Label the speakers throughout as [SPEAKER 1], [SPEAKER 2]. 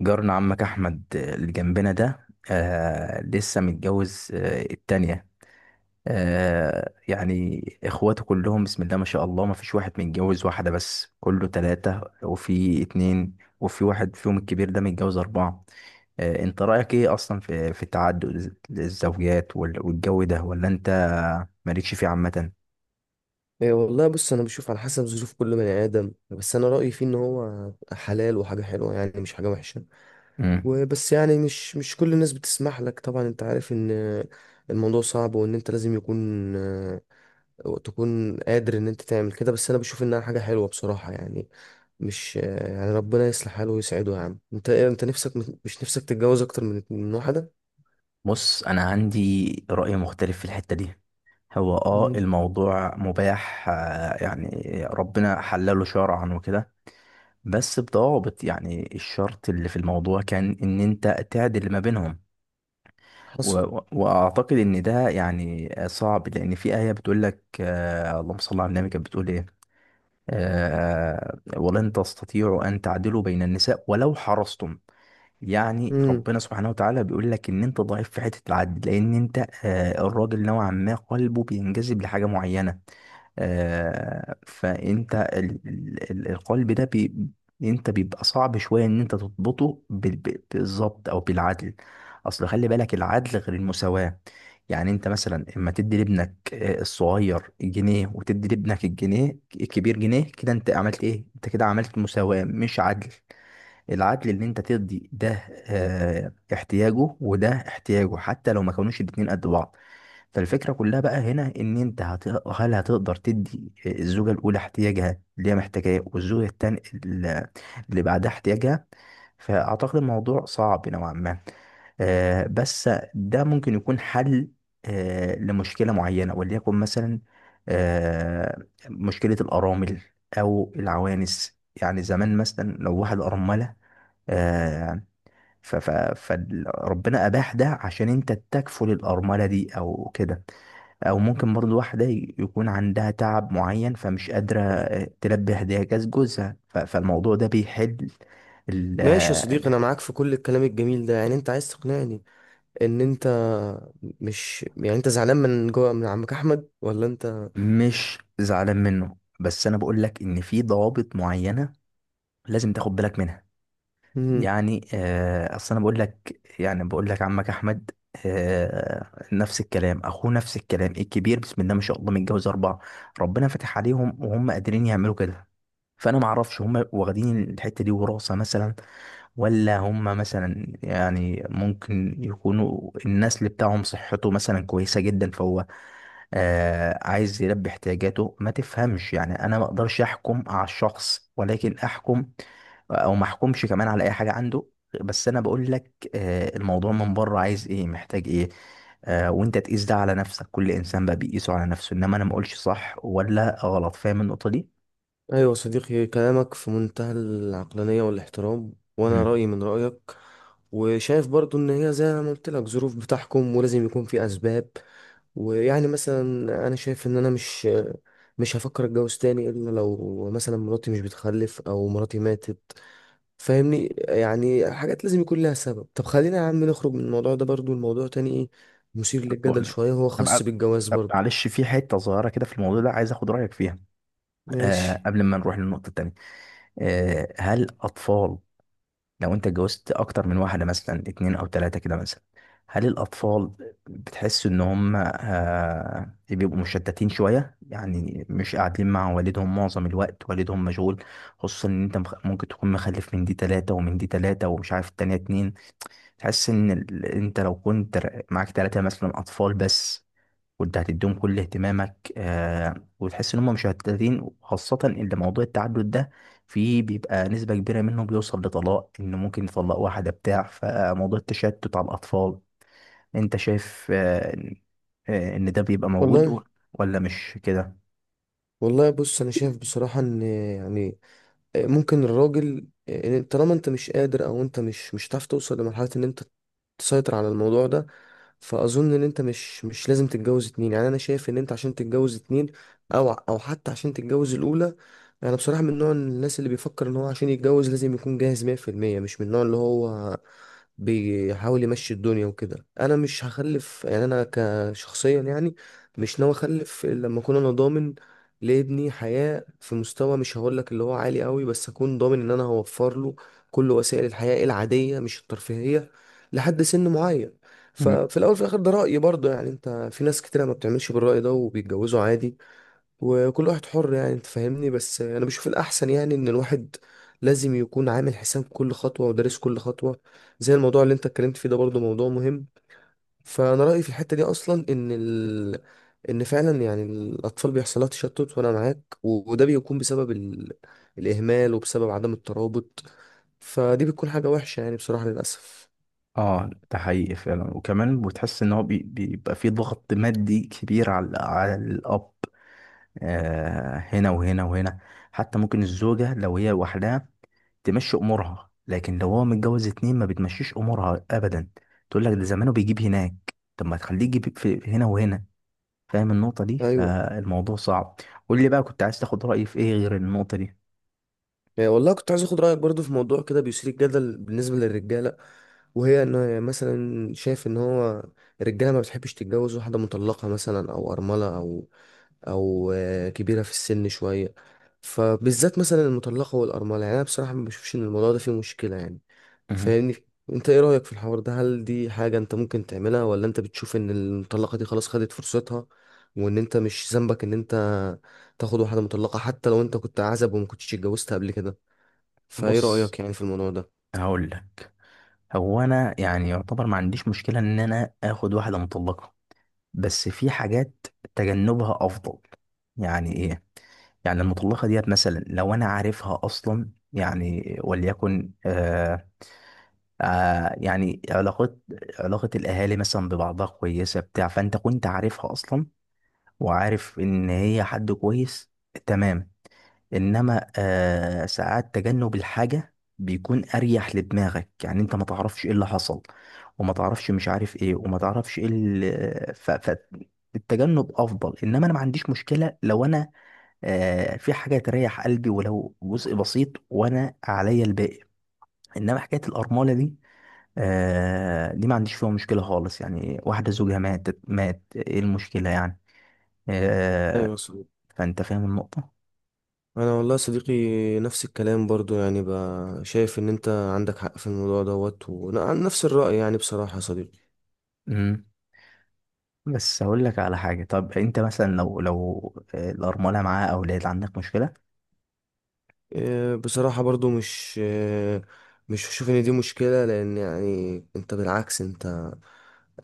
[SPEAKER 1] جارنا عمك احمد اللي جنبنا ده لسه متجوز التانية. يعني اخواته كلهم بسم الله ما شاء الله، ما فيش واحد متجوز واحدة بس، كله تلاتة وفي اتنين وفي واحد، فيهم الكبير ده متجوز اربعة. انت رأيك ايه اصلا في تعدد الزوجات والجو ده، ولا انت مالكش فيه عامة؟
[SPEAKER 2] إيه، والله بص، انا بشوف على حسب ظروف كل بني ادم. بس انا رايي فيه ان هو حلال وحاجه حلوه، يعني مش حاجه وحشه.
[SPEAKER 1] مم.
[SPEAKER 2] وبس يعني مش كل الناس بتسمح لك. طبعا انت عارف ان الموضوع صعب، وان انت لازم يكون آه، تكون قادر ان انت تعمل كده. بس انا بشوف انها حاجه حلوه بصراحه، يعني مش آه، يعني ربنا يصلح حاله ويسعده. يا عم انت انت نفسك، مش نفسك تتجوز اكتر من واحده؟
[SPEAKER 1] بص، انا عندي رأي مختلف في الحتة دي. هو
[SPEAKER 2] مم.
[SPEAKER 1] الموضوع مباح، يعني ربنا حلله شرعا وكده، بس بضوابط. يعني الشرط اللي في الموضوع كان ان انت تعدل ما بينهم.
[SPEAKER 2] حصل.
[SPEAKER 1] واعتقد ان ده يعني صعب، لان في آية بتقول لك، اللهم صل على النبي، كانت بتقول ايه؟ ولن تستطيعوا ان تعدلوا بين النساء ولو حرصتم. يعني
[SPEAKER 2] مم.
[SPEAKER 1] ربنا سبحانه وتعالى بيقول لك ان انت ضعيف في حته العدل، لان انت الراجل نوعا ما قلبه بينجذب لحاجه معينه. فانت القلب ده بي انت بيبقى صعب شويه ان انت تضبطه بالظبط او بالعدل. اصل خلي بالك، العدل غير المساواه. يعني انت مثلا اما تدي لابنك الصغير جنيه، وتدي لابنك الجنيه الكبير جنيه، كده انت عملت ايه؟ انت كده عملت مساواه مش عدل. العدل ان انت ترضي ده احتياجه وده احتياجه، حتى لو ما كانوش الاتنين قد بعض. فالفكرة كلها بقى هنا ان هل هتقدر تدي الزوجة الاولى احتياجها اللي هي محتاجاه، والزوجة التانية اللي بعدها احتياجها؟ فاعتقد الموضوع صعب نوعا ما. بس ده ممكن يكون حل لمشكلة معينة، وليكن مثلا آه، مشكلة الأرامل أو العوانس. يعني زمان مثلا لو واحد أرملة، آه، ف ف فربنا اباح ده عشان انت تكفل الارمله دي او كده. او ممكن برضو واحده يكون عندها تعب معين فمش قادره تلبي احتياجات جوزها، فالموضوع ده بيحل ال-
[SPEAKER 2] ماشي يا صديقي،
[SPEAKER 1] آه،
[SPEAKER 2] انا معاك في كل الكلام الجميل ده. يعني انت عايز تقنعني ان انت مش، يعني انت زعلان من جوه من عمك احمد، ولا انت؟
[SPEAKER 1] مش زعلان منه، بس انا بقول لك ان في ضوابط معينه لازم تاخد بالك منها.
[SPEAKER 2] مم.
[SPEAKER 1] يعني اصل انا بقول لك، يعني بقول لك عمك احمد آه، نفس الكلام، اخوه نفس الكلام الكبير بسم الله ما شاء الله متجوز اربعه. ربنا فتح عليهم وهم قادرين يعملوا كده. فانا ما اعرفش هم واخدين الحته دي وراثه مثلا، ولا هم مثلا يعني ممكن يكونوا النسل بتاعهم صحته مثلا كويسه جدا، فهو عايز يلبي احتياجاته، ما تفهمش. يعني انا ما اقدرش احكم على الشخص، ولكن احكم او ما احكمش كمان على اي حاجه عنده. بس انا بقول لك الموضوع من بره عايز ايه، محتاج ايه. وانت تقيس ده على نفسك، كل انسان بقى بيقيسه على نفسه، انما انا ما اقولش صح ولا غلط. فاهم النقطه دي؟
[SPEAKER 2] ايوه يا صديقي، كلامك في منتهى العقلانيه والاحترام، وانا
[SPEAKER 1] مم.
[SPEAKER 2] رايي من رايك. وشايف برضو ان هي زي ما قلت لك ظروف بتحكم، ولازم يكون في اسباب. ويعني مثلا انا شايف ان انا مش هفكر اتجوز تاني الا لو مثلا مراتي مش بتخلف او مراتي ماتت. فاهمني، يعني حاجات لازم يكون لها سبب. طب خلينا يا عم نخرج من الموضوع ده. برضو الموضوع تاني ايه، مثير
[SPEAKER 1] طب بقول
[SPEAKER 2] للجدل
[SPEAKER 1] لك،
[SPEAKER 2] شوية. هو
[SPEAKER 1] طب أ-
[SPEAKER 2] خاص بالجواز
[SPEAKER 1] طب
[SPEAKER 2] برضو.
[SPEAKER 1] معلش، في حته صغيره كده في الموضوع ده عايز اخد رايك فيها،
[SPEAKER 2] ماشي.
[SPEAKER 1] قبل ما نروح للنقطه التانيه. هل اطفال، لو انت اتجوزت اكتر من واحده، مثلا اتنين او تلاته كده مثلا، هل الاطفال بتحس ان هم بيبقوا مشتتين شويه؟ يعني مش قاعدين مع والدهم معظم الوقت، والدهم مشغول. خصوصا ان انت ممكن تكون مخلف من دي تلاته ومن دي تلاته، ومش عارف التانيه اتنين. تحس ان انت لو كنت معاك تلاته مثلا اطفال بس، وانت هتديهم كل اهتمامك، وتحس ان هم مش مشتتين. خاصة ان موضوع التعدد ده فيه بيبقى نسبة كبيرة منه بيوصل لطلاق، ان ممكن يطلق واحدة بتاع. فموضوع التشتت على الاطفال، انت شايف آه ان آه، إن ده بيبقى موجود،
[SPEAKER 2] والله،
[SPEAKER 1] ولا مش كده؟
[SPEAKER 2] والله بص انا شايف بصراحة ان يعني ممكن الراجل، إن طالما انت مش قادر او انت مش هتعرف توصل لمرحلة ان انت تسيطر على الموضوع ده، فاظن ان انت مش لازم تتجوز اتنين. يعني انا شايف ان انت عشان تتجوز اتنين او حتى عشان تتجوز الاولى، انا بصراحه من نوع الناس اللي بيفكر ان هو عشان يتجوز لازم يكون جاهز 100%. مش من النوع اللي هو بيحاول يمشي الدنيا وكده. انا مش هخلف، يعني انا كشخصيا يعني مش ناوي اخلف إلا لما اكون انا ضامن لابني حياة في مستوى، مش هقول لك اللي هو عالي قوي، بس اكون ضامن ان انا هوفر له كل وسائل الحياة العادية، مش الترفيهية، لحد سن معين.
[SPEAKER 1] مم.
[SPEAKER 2] ففي الاول وفي الاخر ده رأيي برضه. يعني انت في ناس كتير ما بتعملش بالرأي ده وبيتجوزوا عادي، وكل واحد حر. يعني انت فاهمني، بس انا بشوف الاحسن يعني ان الواحد لازم يكون عامل حساب كل خطوة ودارس كل خطوة. زي الموضوع اللي انت اتكلمت فيه ده برضه موضوع مهم. فانا رأيي في الحتة دي اصلا ان ان فعلا يعني الاطفال بيحصل لها تشتت، وانا معاك. وده بيكون بسبب الاهمال وبسبب عدم الترابط. فدي بتكون حاجة وحشة يعني بصراحة، للاسف.
[SPEAKER 1] اه، ده حقيقي فعلا. وكمان بتحس ان هو بيبقى فيه ضغط مادي كبير على الاب، هنا وهنا وهنا. حتى ممكن الزوجة لو هي لوحدها تمشي امورها، لكن لو هو متجوز اتنين ما بتمشيش امورها ابدا. تقول لك ده زمانه بيجيب هناك، طب ما تخليه يجيب في هنا وهنا. فاهم النقطة دي؟
[SPEAKER 2] ايوه.
[SPEAKER 1] فالموضوع صعب. قول لي بقى، كنت عايز تاخد رأيي في ايه غير النقطة دي؟
[SPEAKER 2] يعني والله كنت عايز اخد رأيك برضه في موضوع كده بيثير الجدل بالنسبة للرجالة. وهي ان مثلا شايف ان هو الرجاله ما بتحبش تتجوز واحده مطلقه مثلا، او ارمله، او كبيره في السن شويه. فبالذات مثلا المطلقه والارمله، يعني انا بصراحه ما بشوفش ان الموضوع ده فيه مشكله يعني.
[SPEAKER 1] مهم.
[SPEAKER 2] فاهمني. انت ايه رايك في الحوار ده؟ هل دي حاجه انت ممكن تعملها، ولا انت بتشوف ان المطلقه دي خلاص خدت فرصتها، وان انت مش ذنبك ان انت تاخد واحده مطلقه حتى لو انت كنت عزب وما كنتش اتجوزت قبل كده؟ فايه
[SPEAKER 1] بص
[SPEAKER 2] رايك يعني في الموضوع ده؟
[SPEAKER 1] هقول لك، هو انا يعني يعتبر ما عنديش مشكلة ان انا اخد واحدة مطلقة، بس في حاجات تجنبها افضل. يعني ايه؟ يعني المطلقة ديت مثلا لو أنا عارفها أصلا، يعني وليكن علاقات، علاقة الأهالي مثلا ببعضها كويسة بتاع، فأنت كنت عارفها أصلا وعارف إن هي حد كويس، تمام. إنما ساعات تجنب الحاجة بيكون أريح لدماغك، يعني أنت ما تعرفش إيه اللي حصل، وما تعرفش مش عارف إيه، وما تعرفش إيه ف... ف... التجنب أفضل. إنما أنا ما عنديش مشكلة لو أنا في حاجة تريح قلبي ولو جزء بسيط، وأنا عليا الباقي. إنما حكاية الأرملة دي دي ما عنديش فيها مشكلة خالص، يعني واحدة زوجها ماتت، مات، ايه المشكلة يعني؟ آه
[SPEAKER 2] ايوه.
[SPEAKER 1] فانت فاهم النقطة.
[SPEAKER 2] انا والله يا صديقي نفس الكلام برضو، يعني بقى شايف ان انت عندك حق في الموضوع دوت، وانا عن نفس الرأي يعني بصراحة يا صديقي.
[SPEAKER 1] امم. بس هقول لك على حاجة. طب انت مثلا لو الأرملة معاها أولاد عندك مشكلة؟
[SPEAKER 2] إيه، بصراحة برضو مش، مش بشوف ان دي مشكلة. لان يعني انت بالعكس، انت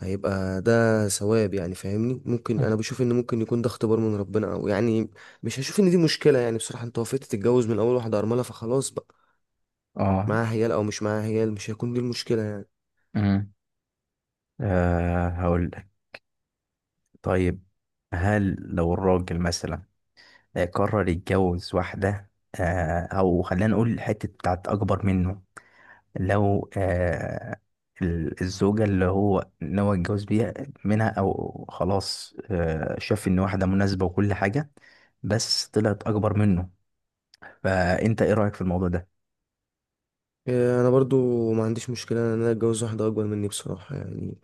[SPEAKER 2] هيبقى ده ثواب يعني. فاهمني، ممكن
[SPEAKER 1] مم.
[SPEAKER 2] انا بشوف ان ممكن يكون ده اختبار من ربنا، او يعني مش هشوف ان دي مشكلة يعني بصراحة. انت وافقت تتجوز من اول واحدة ارملة، فخلاص بقى،
[SPEAKER 1] اه.
[SPEAKER 2] معاها عيال او مش معاها عيال، مش هيكون دي المشكلة يعني.
[SPEAKER 1] امم. هقول لك، طيب، هل لو الراجل مثلا قرر يتجوز واحدة أو خلينا نقول الحتة بتاعت أكبر منه؟ لو الزوجة اللي هو ناوي يتجوز بيها منها، أو خلاص شاف إن واحدة مناسبة وكل حاجة، بس طلعت أكبر منه، فأنت إيه رأيك في الموضوع ده؟
[SPEAKER 2] إيه، انا برضو ما عنديش مشكله ان انا اتجوز واحده اكبر مني بصراحه. يعني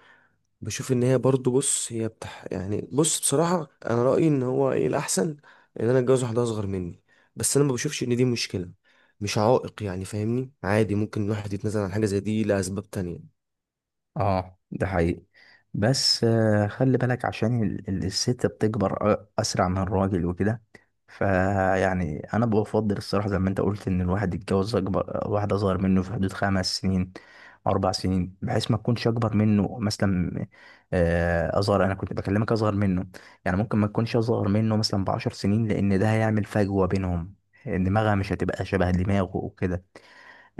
[SPEAKER 2] بشوف ان هي برضو، بص هي يعني بص بصراحه انا رايي ان هو ايه الاحسن ان انا اتجوز واحده اصغر مني. بس انا ما بشوفش ان دي مشكله، مش عائق. يعني فاهمني عادي، ممكن الواحد يتنازل عن حاجه زي دي لاسباب تانية.
[SPEAKER 1] اه، ده حقيقي، بس خلي بالك عشان الست بتكبر اسرع من الراجل وكده. فيعني انا بفضل الصراحه، زي ما انت قلت، ان الواحد يتجوز اكبر، واحده اصغر منه في حدود 5 سنين، 4 سنين، بحيث ما تكونش اكبر منه مثلا. آه، اصغر انا كنت بكلمك اصغر منه، يعني ممكن ما تكونش اصغر منه مثلا ب10 سنين، لان ده هيعمل فجوه بينهم، دماغها مش هتبقى شبه دماغه وكده.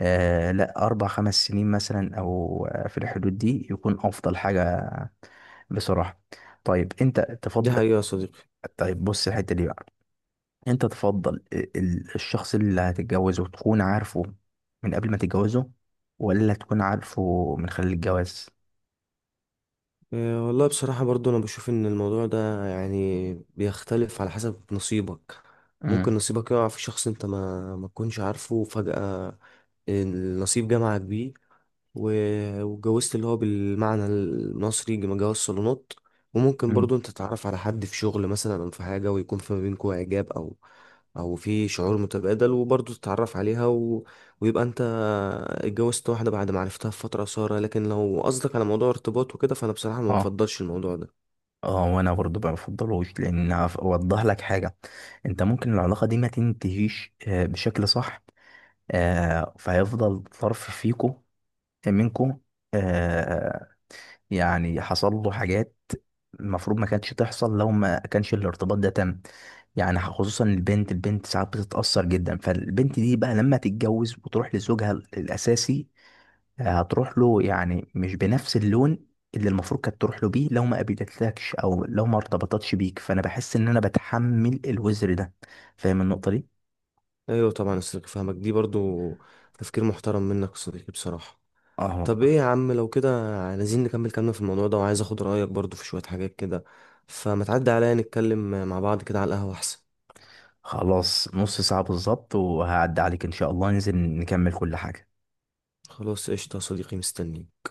[SPEAKER 1] آه لا، أربع خمس سنين مثلا، أو في الحدود دي يكون أفضل حاجة بصراحة. طيب أنت
[SPEAKER 2] دي
[SPEAKER 1] تفضل،
[SPEAKER 2] حقيقه يا صديقي.
[SPEAKER 1] طيب بص الحتة دي بقى، أنت تفضل الشخص اللي هتتجوزه تكون عارفه من قبل ما تتجوزه، ولا تكون عارفه من خلال الجواز؟
[SPEAKER 2] إيه، والله بصراحه برضو انا بشوف ان الموضوع ده يعني بيختلف على حسب نصيبك. ممكن
[SPEAKER 1] امم.
[SPEAKER 2] نصيبك يقع في شخص انت ما تكونش عارفه فجاه، نصيب جامعة كبير. واتجوزت اللي هو بالمعنى المصري جواز صالونات. وممكن
[SPEAKER 1] امم.
[SPEAKER 2] برضو انت تتعرف على حد في شغل مثلا او في حاجة، ويكون في ما بينكوا اعجاب، او في شعور متبادل، وبرضو تتعرف عليها ويبقى انت اتجوزت واحدة بعد ما عرفتها في فترة قصيرة. لكن لو قصدك على موضوع ارتباط وكده، فانا بصراحة ما
[SPEAKER 1] اه.
[SPEAKER 2] بفضلش الموضوع ده.
[SPEAKER 1] اه وانا برضه ما بفضلوش، لان اوضح لك حاجه. انت ممكن العلاقه دي ما تنتهيش بشكل صح، فهيفضل طرف منكم آه يعني حصل له حاجات المفروض ما كانتش تحصل لو ما كانش الارتباط ده تم. يعني خصوصا البنت، البنت ساعات بتتأثر جدا. فالبنت دي بقى لما تتجوز وتروح لزوجها الأساسي، هتروح له يعني مش بنفس اللون اللي المفروض كانت تروح له بيه، لو ما قابلتلكش او لو ما ارتبطتش بيك. فانا بحس ان انا بتحمل الوزر ده. فاهم النقطة دي؟
[SPEAKER 2] ايوه طبعا، أصل فاهمك دي برضو. تفكير محترم منك يا صديقي بصراحة.
[SPEAKER 1] اه
[SPEAKER 2] طب ايه
[SPEAKER 1] والله.
[SPEAKER 2] يا عم، لو كده عايزين نكمل كلامنا في الموضوع ده، وعايز اخد رأيك برضو في شوية حاجات كده، فما تعدي عليا نتكلم مع بعض كده على القهوة احسن.
[SPEAKER 1] خلاص، نص ساعة بالظبط وهعدي عليك ان شاء الله، ننزل نكمل كل حاجة.
[SPEAKER 2] خلاص قشطة يا صديقي، مستنيك.